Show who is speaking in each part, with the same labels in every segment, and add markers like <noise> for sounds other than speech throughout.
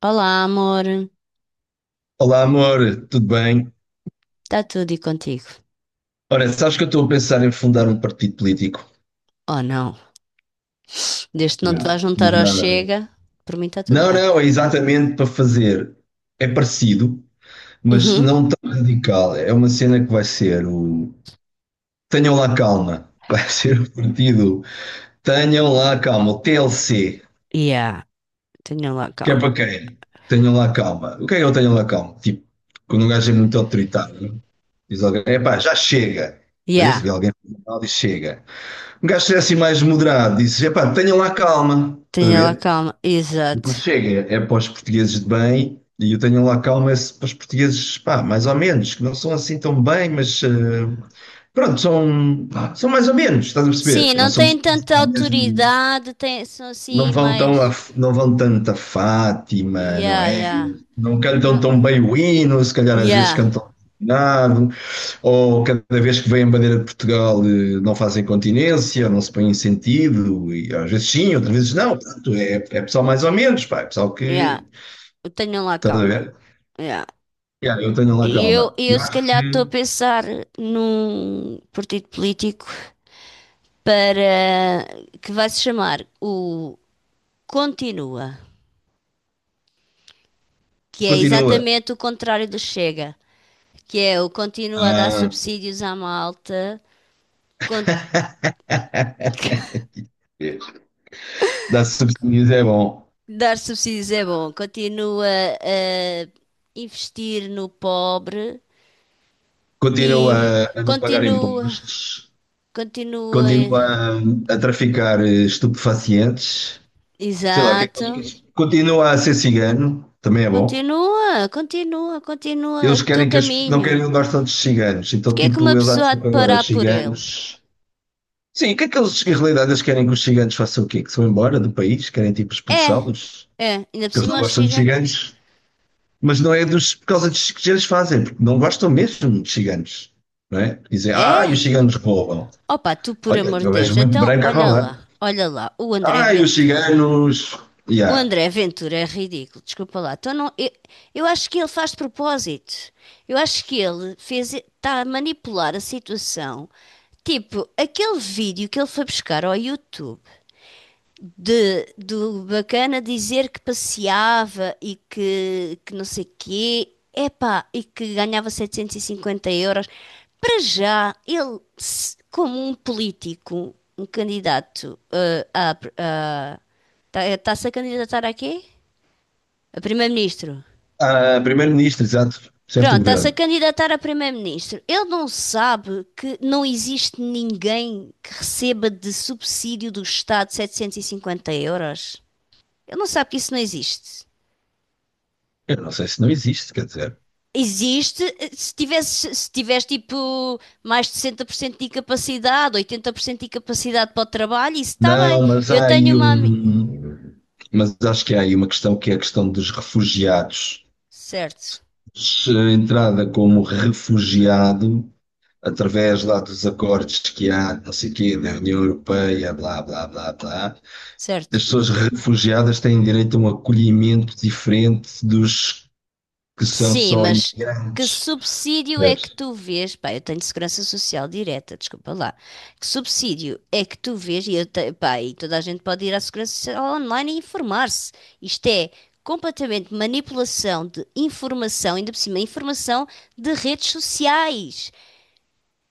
Speaker 1: Olá, amor.
Speaker 2: Olá, amor, tudo bem?
Speaker 1: Está tudo e contigo?
Speaker 2: Ora, sabes que eu estou a pensar em fundar um partido político?
Speaker 1: Oh, não. Desde que não
Speaker 2: Yeah.
Speaker 1: te vais juntar
Speaker 2: Não,
Speaker 1: ao
Speaker 2: nada.
Speaker 1: Chega, por mim está tudo
Speaker 2: não,
Speaker 1: bem.
Speaker 2: não, é exatamente para fazer. É parecido, mas
Speaker 1: Uhum.
Speaker 2: não tão radical. É uma cena que vai ser o. Tenham lá calma. <laughs> Vai ser o partido. Tenham lá calma. O TLC.
Speaker 1: Yeah, tenha lá
Speaker 2: Que é para
Speaker 1: calma.
Speaker 2: quem? Tenham lá calma. O que é que eu tenho lá calma? Tipo, quando um gajo é muito autoritário, diz alguém: epá, já chega. Às vezes
Speaker 1: Yeah,
Speaker 2: vê alguém e diz: chega. Um gajo ser assim mais moderado, disse: epá, tenham lá calma, estás a
Speaker 1: tenha lá
Speaker 2: ver?
Speaker 1: calma. Exato.
Speaker 2: Depois chega, é para os portugueses de bem, e eu tenho lá calma é para os portugueses, pá, mais ou menos, que não são assim tão bem, mas pronto, são, são mais ou menos, estás a perceber?
Speaker 1: Sim,
Speaker 2: Não
Speaker 1: não
Speaker 2: são
Speaker 1: têm
Speaker 2: pessoas,
Speaker 1: tanta
Speaker 2: pá, mesmo,
Speaker 1: autoridade, têm, são
Speaker 2: não
Speaker 1: assim
Speaker 2: vão tão a,
Speaker 1: mais.
Speaker 2: não vão tanto a Fátima, não
Speaker 1: Yeah,
Speaker 2: é?
Speaker 1: yeah.
Speaker 2: Não cantam
Speaker 1: No.
Speaker 2: tão bem o hino, se calhar às vezes
Speaker 1: Yeah,
Speaker 2: cantam nada, ou cada vez que vem a bandeira de Portugal não fazem continência, não se põem em sentido, e às vezes sim, outras vezes não. Portanto, é, é pessoal mais ou menos, pá, é pessoal
Speaker 1: yeah.
Speaker 2: que.
Speaker 1: Tenham lá
Speaker 2: Estás a ver?
Speaker 1: calma. Yeah.
Speaker 2: Yeah, eu tenho lá
Speaker 1: E Eu,
Speaker 2: calma.
Speaker 1: eu
Speaker 2: Eu
Speaker 1: se
Speaker 2: acho
Speaker 1: calhar estou a
Speaker 2: que
Speaker 1: pensar num partido político para que vai se chamar o Continua, que é
Speaker 2: continua.
Speaker 1: exatamente o contrário do Chega, que é o continua a dar
Speaker 2: Ah.
Speaker 1: subsídios à malta, con-
Speaker 2: <laughs> Dar subsídios é bom.
Speaker 1: dar subsídios é bom, continua a investir no pobre
Speaker 2: Continua
Speaker 1: e
Speaker 2: a não pagar
Speaker 1: continua,
Speaker 2: impostos,
Speaker 1: continua,
Speaker 2: continua a, traficar estupefacientes, sei lá o que é que
Speaker 1: exato,
Speaker 2: continua a ser cigano, também é bom.
Speaker 1: continua, continua, continua o
Speaker 2: Eles
Speaker 1: teu
Speaker 2: querem que as, não
Speaker 1: caminho.
Speaker 2: querem onde tantos ciganos, então
Speaker 1: Porquê é que uma
Speaker 2: tipo, eles
Speaker 1: pessoa há
Speaker 2: acham
Speaker 1: de
Speaker 2: que agora
Speaker 1: parar
Speaker 2: os
Speaker 1: por ele?
Speaker 2: ciganos. Sim, o que é que eles, em realidade, eles querem que os ciganos façam o quê? Que se vão embora do país? Querem tipo
Speaker 1: É,
Speaker 2: expulsá-los?
Speaker 1: é, ainda por
Speaker 2: Porque eles não
Speaker 1: cima o
Speaker 2: gostam de
Speaker 1: Chega.
Speaker 2: ciganos, mas não é dos, por causa dos que eles fazem, porque não gostam mesmo de ciganos, não é? Dizem, ah, e os
Speaker 1: É.
Speaker 2: ciganos roubam.
Speaker 1: Opa, tu por
Speaker 2: Olha,
Speaker 1: amor
Speaker 2: eu
Speaker 1: de
Speaker 2: vejo
Speaker 1: Deus,
Speaker 2: muito
Speaker 1: então
Speaker 2: branco a roubar.
Speaker 1: olha lá, o André
Speaker 2: Ah, e os
Speaker 1: Ventura.
Speaker 2: ciganos.
Speaker 1: O
Speaker 2: Yeah.
Speaker 1: André Ventura é ridículo, desculpa lá. Então não, eu acho que ele faz de propósito. Eu acho que ele fez, está a manipular a situação. Tipo, aquele vídeo que ele foi buscar ao YouTube de, do bacana dizer que passeava e que não sei quê, epá, e que ganhava 750 euros. Para já, ele, como um político, um candidato a está-se a candidatar a quê? A primeiro-ministro.
Speaker 2: Ah, primeiro-ministro, exato, chefe do
Speaker 1: Pronto, está-se a
Speaker 2: governo.
Speaker 1: candidatar a primeiro-ministro. Ele não sabe que não existe ninguém que receba de subsídio do Estado 750 euros. Ele não sabe que isso não existe.
Speaker 2: Eu não sei se não existe, quer dizer.
Speaker 1: Existe se tiveres tipo mais de 60% de incapacidade, 80% de incapacidade para o trabalho, isso está bem.
Speaker 2: Não, mas
Speaker 1: Eu
Speaker 2: há
Speaker 1: tenho
Speaker 2: aí
Speaker 1: uma.
Speaker 2: um. Mas acho que há aí uma questão que é a questão dos refugiados.
Speaker 1: Certo,
Speaker 2: Se a entrada como refugiado, através lá dos acordos que há, não sei o quê, da União Europeia, blá, blá, blá, blá,
Speaker 1: certo.
Speaker 2: as pessoas refugiadas têm direito a um acolhimento diferente dos que são
Speaker 1: Sim,
Speaker 2: só
Speaker 1: mas que
Speaker 2: imigrantes.
Speaker 1: subsídio é que
Speaker 2: Percebes?
Speaker 1: tu vês? Pá, eu tenho segurança social direta, desculpa lá. Que subsídio é que tu vês? E, pá, e toda a gente pode ir à segurança social online e informar-se. Isto é completamente manipulação de informação, ainda por cima, informação de redes sociais.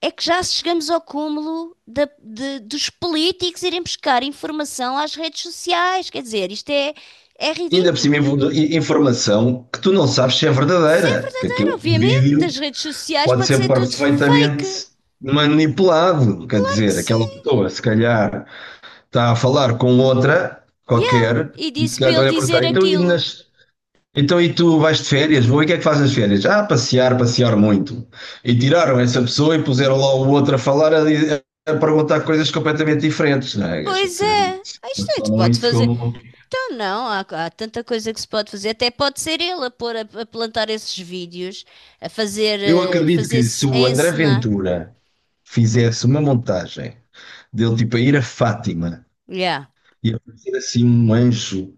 Speaker 1: É que já chegamos ao cúmulo dos políticos irem buscar informação às redes sociais. Quer dizer, isto é
Speaker 2: Ainda por cima,
Speaker 1: ridículo.
Speaker 2: informação que tu não sabes se é
Speaker 1: Se é
Speaker 2: verdadeira, que
Speaker 1: verdadeiro,
Speaker 2: aquele
Speaker 1: obviamente, das
Speaker 2: vídeo
Speaker 1: redes sociais
Speaker 2: pode
Speaker 1: pode
Speaker 2: ser
Speaker 1: ser tudo fake.
Speaker 2: perfeitamente manipulado. Quer
Speaker 1: Claro que
Speaker 2: dizer,
Speaker 1: sim.
Speaker 2: aquela pessoa, se calhar, está a falar com outra
Speaker 1: Yeah.
Speaker 2: qualquer,
Speaker 1: E
Speaker 2: e se
Speaker 1: disse para
Speaker 2: calhar
Speaker 1: ele
Speaker 2: estão-lhe a perguntar:
Speaker 1: dizer
Speaker 2: então e,
Speaker 1: aquilo.
Speaker 2: então, e tu vais de férias? Vou, e o que é que fazes nas férias? Ah, passear, passear muito. E tiraram essa pessoa e puseram lá o outro a falar, a perguntar coisas completamente diferentes, não é?
Speaker 1: Pois é. Ah, isto
Speaker 2: Eles
Speaker 1: é, se
Speaker 2: tomam
Speaker 1: pode
Speaker 2: isso
Speaker 1: fazer.
Speaker 2: como. Um.
Speaker 1: Então não, há tanta coisa que se pode fazer. Até pode ser ele a pôr a plantar esses vídeos, a fazer,
Speaker 2: Eu acredito que se
Speaker 1: fazer-se, a
Speaker 2: o André
Speaker 1: encenar.
Speaker 2: Ventura fizesse uma montagem dele tipo a ir a Fátima
Speaker 1: Yeah.
Speaker 2: e aparecer assim um anjo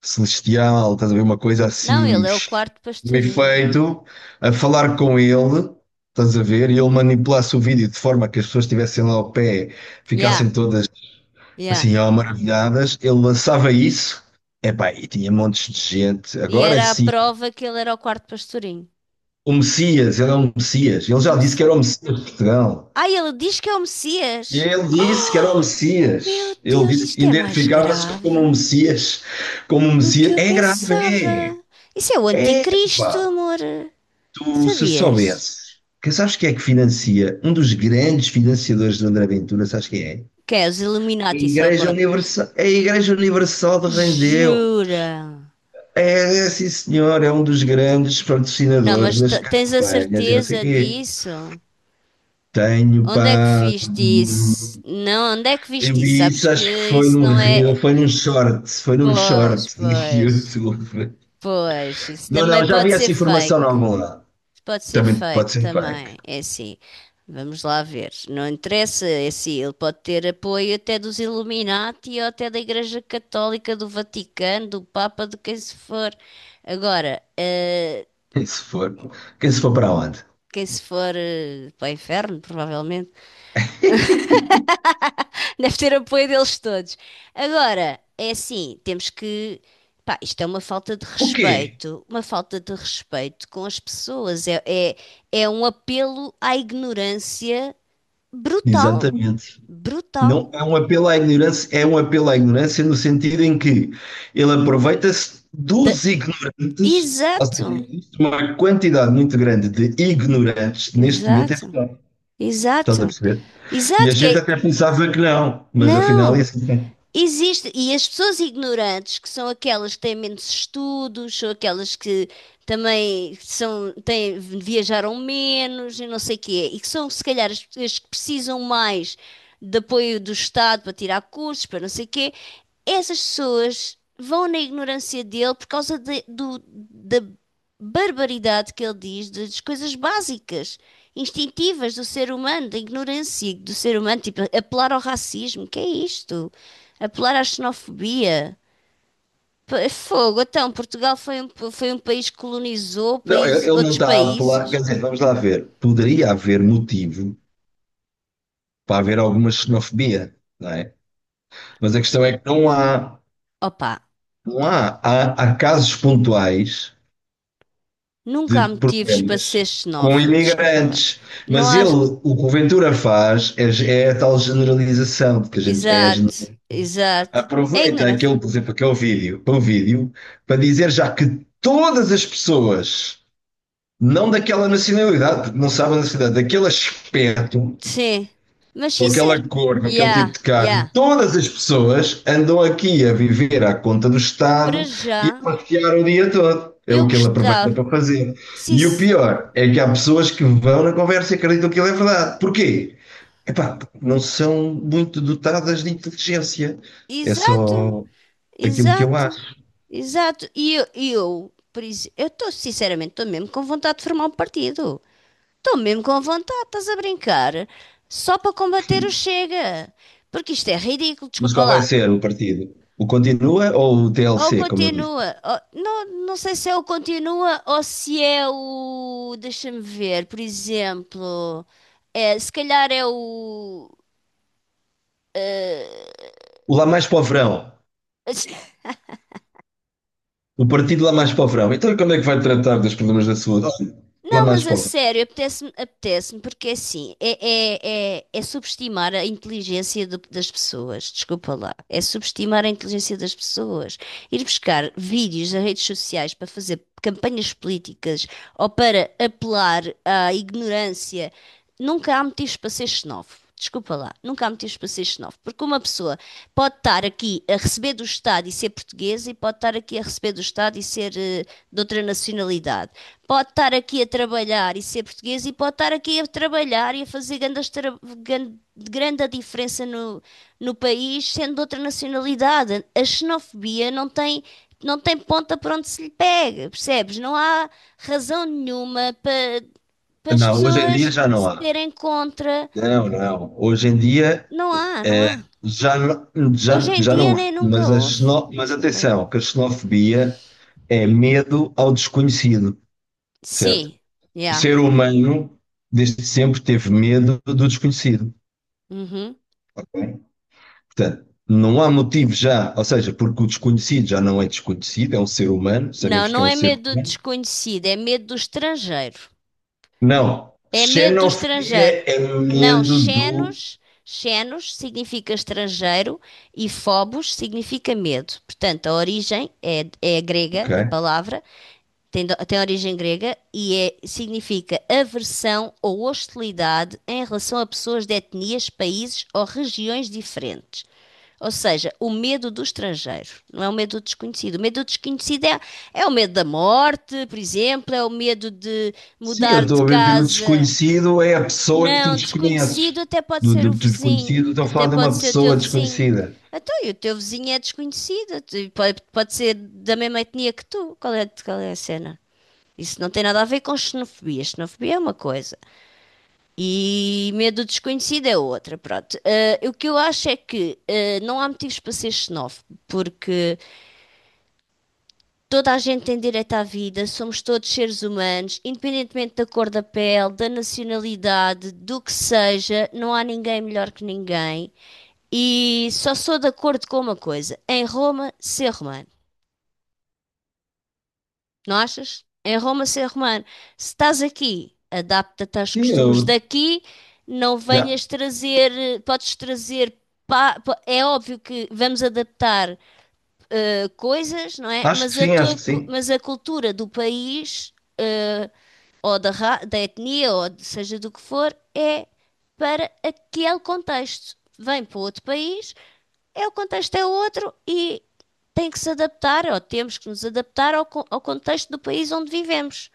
Speaker 2: celestial, estás a ver? Uma coisa
Speaker 1: Não,
Speaker 2: assim,
Speaker 1: ele é o quarto
Speaker 2: meio
Speaker 1: pastorinho.
Speaker 2: feito, a falar com ele, estás a ver? E ele manipulasse o vídeo de forma que as pessoas estivessem lá ao pé,
Speaker 1: Yeah,
Speaker 2: ficassem todas
Speaker 1: yeah.
Speaker 2: assim, ó, maravilhadas. Ele lançava isso, epá, e tinha montes de gente.
Speaker 1: E
Speaker 2: Agora
Speaker 1: era a
Speaker 2: sim,
Speaker 1: prova que ele era o quarto pastorinho.
Speaker 2: o Messias, ele é um Messias. Ele
Speaker 1: O
Speaker 2: já disse que
Speaker 1: Messi-
Speaker 2: era o Messias de Portugal.
Speaker 1: Ah, ele diz que é o
Speaker 2: E
Speaker 1: Messias.
Speaker 2: ele disse que era o
Speaker 1: Meu
Speaker 2: Messias. Ele
Speaker 1: Deus,
Speaker 2: disse que
Speaker 1: isto é mais
Speaker 2: identificava-se
Speaker 1: grave
Speaker 2: como um Messias. Como um
Speaker 1: do que
Speaker 2: Messias.
Speaker 1: eu
Speaker 2: É grave,
Speaker 1: pensava. Isso é o
Speaker 2: é.
Speaker 1: anticristo,
Speaker 2: Epá,
Speaker 1: amor.
Speaker 2: tu se
Speaker 1: Sabias?
Speaker 2: soubesses, que sabes quem é que financia, um dos grandes financiadores do André Ventura, sabes quem é?
Speaker 1: Que é os Illuminati só pode.
Speaker 2: A Igreja Universal de Rendeu.
Speaker 1: Jura?
Speaker 2: É, é, sim senhor, é um dos grandes
Speaker 1: Não,
Speaker 2: patrocinadores
Speaker 1: mas
Speaker 2: das
Speaker 1: tens a
Speaker 2: campanhas e não sei o
Speaker 1: certeza
Speaker 2: quê.
Speaker 1: disso?
Speaker 2: Tenho,
Speaker 1: Onde é que
Speaker 2: pá,
Speaker 1: viste isso? Não, onde é que
Speaker 2: eu
Speaker 1: viste isso?
Speaker 2: vi
Speaker 1: Sabes
Speaker 2: isso,
Speaker 1: que
Speaker 2: acho que foi
Speaker 1: isso
Speaker 2: num
Speaker 1: não
Speaker 2: reel,
Speaker 1: é.
Speaker 2: foi num
Speaker 1: Pois,
Speaker 2: short de
Speaker 1: pois,
Speaker 2: YouTube.
Speaker 1: pois. Isso
Speaker 2: Não,
Speaker 1: também
Speaker 2: não, já
Speaker 1: pode
Speaker 2: vi
Speaker 1: ser
Speaker 2: essa informação
Speaker 1: fake.
Speaker 2: em algum lado.
Speaker 1: Pode ser
Speaker 2: Também pode
Speaker 1: fake
Speaker 2: ser fake.
Speaker 1: também, é assim. Vamos lá ver. Não interessa, é assim, ele pode ter apoio até dos Illuminati ou até da Igreja Católica, do Vaticano, do Papa, de quem se for. Agora,
Speaker 2: <laughs> Quem se for, quem se for para onde?
Speaker 1: quem se for para o inferno, provavelmente, <laughs> deve ter apoio deles todos. Agora, é assim, temos que. Pá, isto é uma falta de
Speaker 2: O quê?
Speaker 1: respeito, uma falta de respeito com as pessoas. É um apelo à ignorância brutal,
Speaker 2: Exatamente.
Speaker 1: brutal.
Speaker 2: Não é um apelo à ignorância, é um apelo à ignorância no sentido em que ele aproveita-se
Speaker 1: De-
Speaker 2: dos ignorantes, ou
Speaker 1: exato,
Speaker 2: seja, existe uma quantidade muito grande de ignorantes neste momento em
Speaker 1: exato,
Speaker 2: Portugal. Estás a
Speaker 1: exato,
Speaker 2: perceber? E a
Speaker 1: exato, que
Speaker 2: gente
Speaker 1: é,
Speaker 2: até pensava que não, mas afinal é
Speaker 1: não,
Speaker 2: assim.
Speaker 1: existe, e as pessoas ignorantes, que são aquelas que têm menos estudos, são aquelas que também são, têm, viajaram menos e não sei o quê, e que são, se calhar, as pessoas que precisam mais de apoio do Estado para tirar cursos, para não sei o quê, essas pessoas vão na ignorância dele por causa da barbaridade que ele diz das coisas básicas, instintivas do ser humano, da ignorância do ser humano, tipo apelar ao racismo, que é isto? Apelar à xenofobia. Fogo, então, Portugal foi foi um país que colonizou
Speaker 2: Não, ele ele não
Speaker 1: outros
Speaker 2: está a apelar, quer
Speaker 1: países.
Speaker 2: dizer, vamos lá ver. Poderia haver motivo para haver alguma xenofobia, não é? Mas a questão é que não há,
Speaker 1: Opa,
Speaker 2: não há, há, há casos pontuais
Speaker 1: nunca há
Speaker 2: de
Speaker 1: motivos para ser
Speaker 2: problemas com
Speaker 1: xenófobo, desculpa lá.
Speaker 2: imigrantes.
Speaker 1: Não
Speaker 2: Mas
Speaker 1: há.
Speaker 2: ele, o que o Ventura faz é, é a tal generalização de que a gente é,
Speaker 1: Exato, exato. É
Speaker 2: aproveita
Speaker 1: ignorante.
Speaker 2: aquele, por exemplo, aquele vídeo, para o vídeo, para dizer já que todas as pessoas, não daquela nacionalidade, porque não sabem a nacionalidade, daquele aspecto,
Speaker 1: Sim, mas
Speaker 2: com aquela
Speaker 1: sincero.
Speaker 2: cor, com aquele tipo
Speaker 1: Ya,
Speaker 2: de carro,
Speaker 1: ya.
Speaker 2: todas as pessoas andam aqui a viver à conta do
Speaker 1: Para
Speaker 2: Estado e a
Speaker 1: já,
Speaker 2: passear o dia todo. É
Speaker 1: eu
Speaker 2: o que ele aproveita
Speaker 1: gostava.
Speaker 2: para fazer.
Speaker 1: Sim,
Speaker 2: E o pior é que há pessoas que vão na conversa e acreditam que ele é verdade. Porquê? Epá, porque não são muito dotadas de inteligência. É
Speaker 1: exato,
Speaker 2: só aquilo que eu
Speaker 1: exato,
Speaker 2: acho.
Speaker 1: exato. E eu por isso, eu estou, sinceramente, estou mesmo com vontade de formar um partido. Estou mesmo com vontade, estás a brincar? Só para combater o Chega. Porque isto é ridículo,
Speaker 2: Mas
Speaker 1: desculpa
Speaker 2: qual vai
Speaker 1: lá.
Speaker 2: ser o partido? O Continua ou o
Speaker 1: Ou
Speaker 2: TLC, como eu disse?
Speaker 1: continua, não, não sei se é o continua ou se é o. Deixa-me ver, por exemplo. É, se calhar é o.
Speaker 2: O Lá Mais Povrão.
Speaker 1: eh,
Speaker 2: O partido Lá Mais Povrão. Então, como é que vai tratar dos problemas da saúde? Lá
Speaker 1: Não,
Speaker 2: Mais
Speaker 1: mas a
Speaker 2: Povrão.
Speaker 1: sério, apetece-me, apetece-me, porque assim, é subestimar a inteligência das pessoas, desculpa lá, é subestimar a inteligência das pessoas. Ir buscar vídeos a redes sociais para fazer campanhas políticas ou para apelar à ignorância, nunca há motivos para ser xenófobo, desculpa lá, nunca há motivos para ser xenófobo, porque uma pessoa pode estar aqui a receber do Estado e ser portuguesa, e pode estar aqui a receber do Estado e ser de outra nacionalidade. Pode estar aqui a trabalhar e ser portuguesa, e pode estar aqui a trabalhar e a fazer grande a diferença no país, sendo de outra nacionalidade. A xenofobia não tem ponta para onde se lhe pega, percebes? Não há razão nenhuma para, para as
Speaker 2: Não, hoje em dia
Speaker 1: pessoas
Speaker 2: já não
Speaker 1: se
Speaker 2: há.
Speaker 1: terem contra.
Speaker 2: Não, não. Hoje em dia
Speaker 1: Não há, não
Speaker 2: é,
Speaker 1: há. Hoje em
Speaker 2: já
Speaker 1: dia
Speaker 2: não há.
Speaker 1: nem nunca
Speaker 2: Mas, a
Speaker 1: houve.
Speaker 2: xeno... Mas
Speaker 1: Desculpa lá.
Speaker 2: atenção, que a xenofobia é medo ao desconhecido, certo?
Speaker 1: Sim,
Speaker 2: O
Speaker 1: yeah.
Speaker 2: ser humano desde sempre teve medo do desconhecido.
Speaker 1: Uhum.
Speaker 2: Portanto, não há motivo já, ou seja, porque o desconhecido já não é desconhecido, é um ser humano,
Speaker 1: Não,
Speaker 2: sabemos que é
Speaker 1: não
Speaker 2: um
Speaker 1: é
Speaker 2: ser
Speaker 1: medo do
Speaker 2: humano.
Speaker 1: desconhecido, é medo do estrangeiro.
Speaker 2: Não.
Speaker 1: É medo do estrangeiro.
Speaker 2: Xenofobia é
Speaker 1: Não,
Speaker 2: medo do.
Speaker 1: xenos significa estrangeiro e phobos significa medo. Portanto, a origem é grega, a
Speaker 2: Ok?
Speaker 1: palavra, tem, tem origem grega e significa aversão ou hostilidade em relação a pessoas de etnias, países ou regiões diferentes. Ou seja, o medo do estrangeiro, não é o medo do desconhecido. O medo do desconhecido é, é o medo da morte, por exemplo, é o medo de
Speaker 2: Sim, eu
Speaker 1: mudar de
Speaker 2: estou a dizer o
Speaker 1: casa.
Speaker 2: desconhecido é a pessoa que tu
Speaker 1: Não,
Speaker 2: desconheces.
Speaker 1: desconhecido até pode
Speaker 2: Do,
Speaker 1: ser
Speaker 2: do,
Speaker 1: o
Speaker 2: do
Speaker 1: vizinho,
Speaker 2: desconhecido, estou a
Speaker 1: até
Speaker 2: falar de uma
Speaker 1: pode ser o teu
Speaker 2: pessoa
Speaker 1: vizinho.
Speaker 2: desconhecida.
Speaker 1: Então, e o teu vizinho é desconhecido, pode, pode ser da mesma etnia que tu. Qual é a cena? Isso não tem nada a ver com xenofobia. Xenofobia é uma coisa e medo desconhecido é outra. Pronto. O que eu acho é que não há motivos para ser xenófobo, porque toda a gente tem direito à vida, somos todos seres humanos, independentemente da cor da pele, da nacionalidade, do que seja, não há ninguém melhor que ninguém. E só sou de acordo com uma coisa: em Roma, ser romano. Não achas? Em Roma, ser romano. Se estás aqui, adapta-te aos
Speaker 2: Sim,
Speaker 1: costumes
Speaker 2: eu
Speaker 1: daqui, não
Speaker 2: já.
Speaker 1: venhas trazer, podes trazer. É óbvio que vamos adaptar coisas, não é?
Speaker 2: Acho
Speaker 1: Mas
Speaker 2: que
Speaker 1: a
Speaker 2: sim, acho
Speaker 1: tua,
Speaker 2: que sim.
Speaker 1: mas a cultura do país, ou da, da etnia, ou seja do que for, é para aquele contexto. Vem para outro país é o contexto é outro e tem que se adaptar, ou temos que nos adaptar ao contexto do país onde vivemos.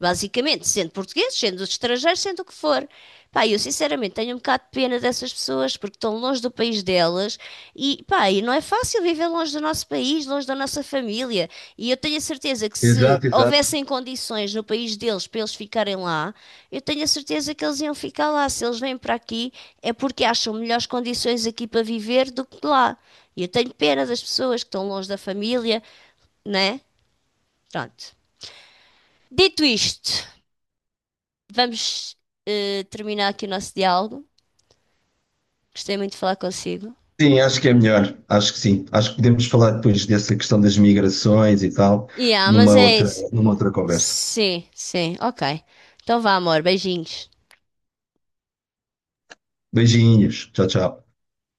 Speaker 1: Basicamente, sendo portugueses, sendo estrangeiros, sendo o que for. Pá, eu sinceramente tenho um bocado de pena dessas pessoas porque estão longe do país delas e, pá, e não é fácil viver longe do nosso país, longe da nossa família. E eu tenho a certeza que se
Speaker 2: Exato, exato.
Speaker 1: houvessem condições no país deles para eles ficarem lá, eu tenho a certeza que eles iam ficar lá. Se eles vêm para aqui, é porque acham melhores condições aqui para viver do que lá. E eu tenho pena das pessoas que estão longe da família, né? Pronto. Dito isto, vamos terminar aqui o nosso diálogo. Gostei muito de falar consigo.
Speaker 2: Sim, acho que é melhor. Acho que sim. Acho que podemos falar depois dessa questão das migrações e tal,
Speaker 1: E mas é isso.
Speaker 2: numa outra conversa.
Speaker 1: Sim, sim, ok. Então vá, amor, beijinhos.
Speaker 2: Beijinhos. Tchau, tchau.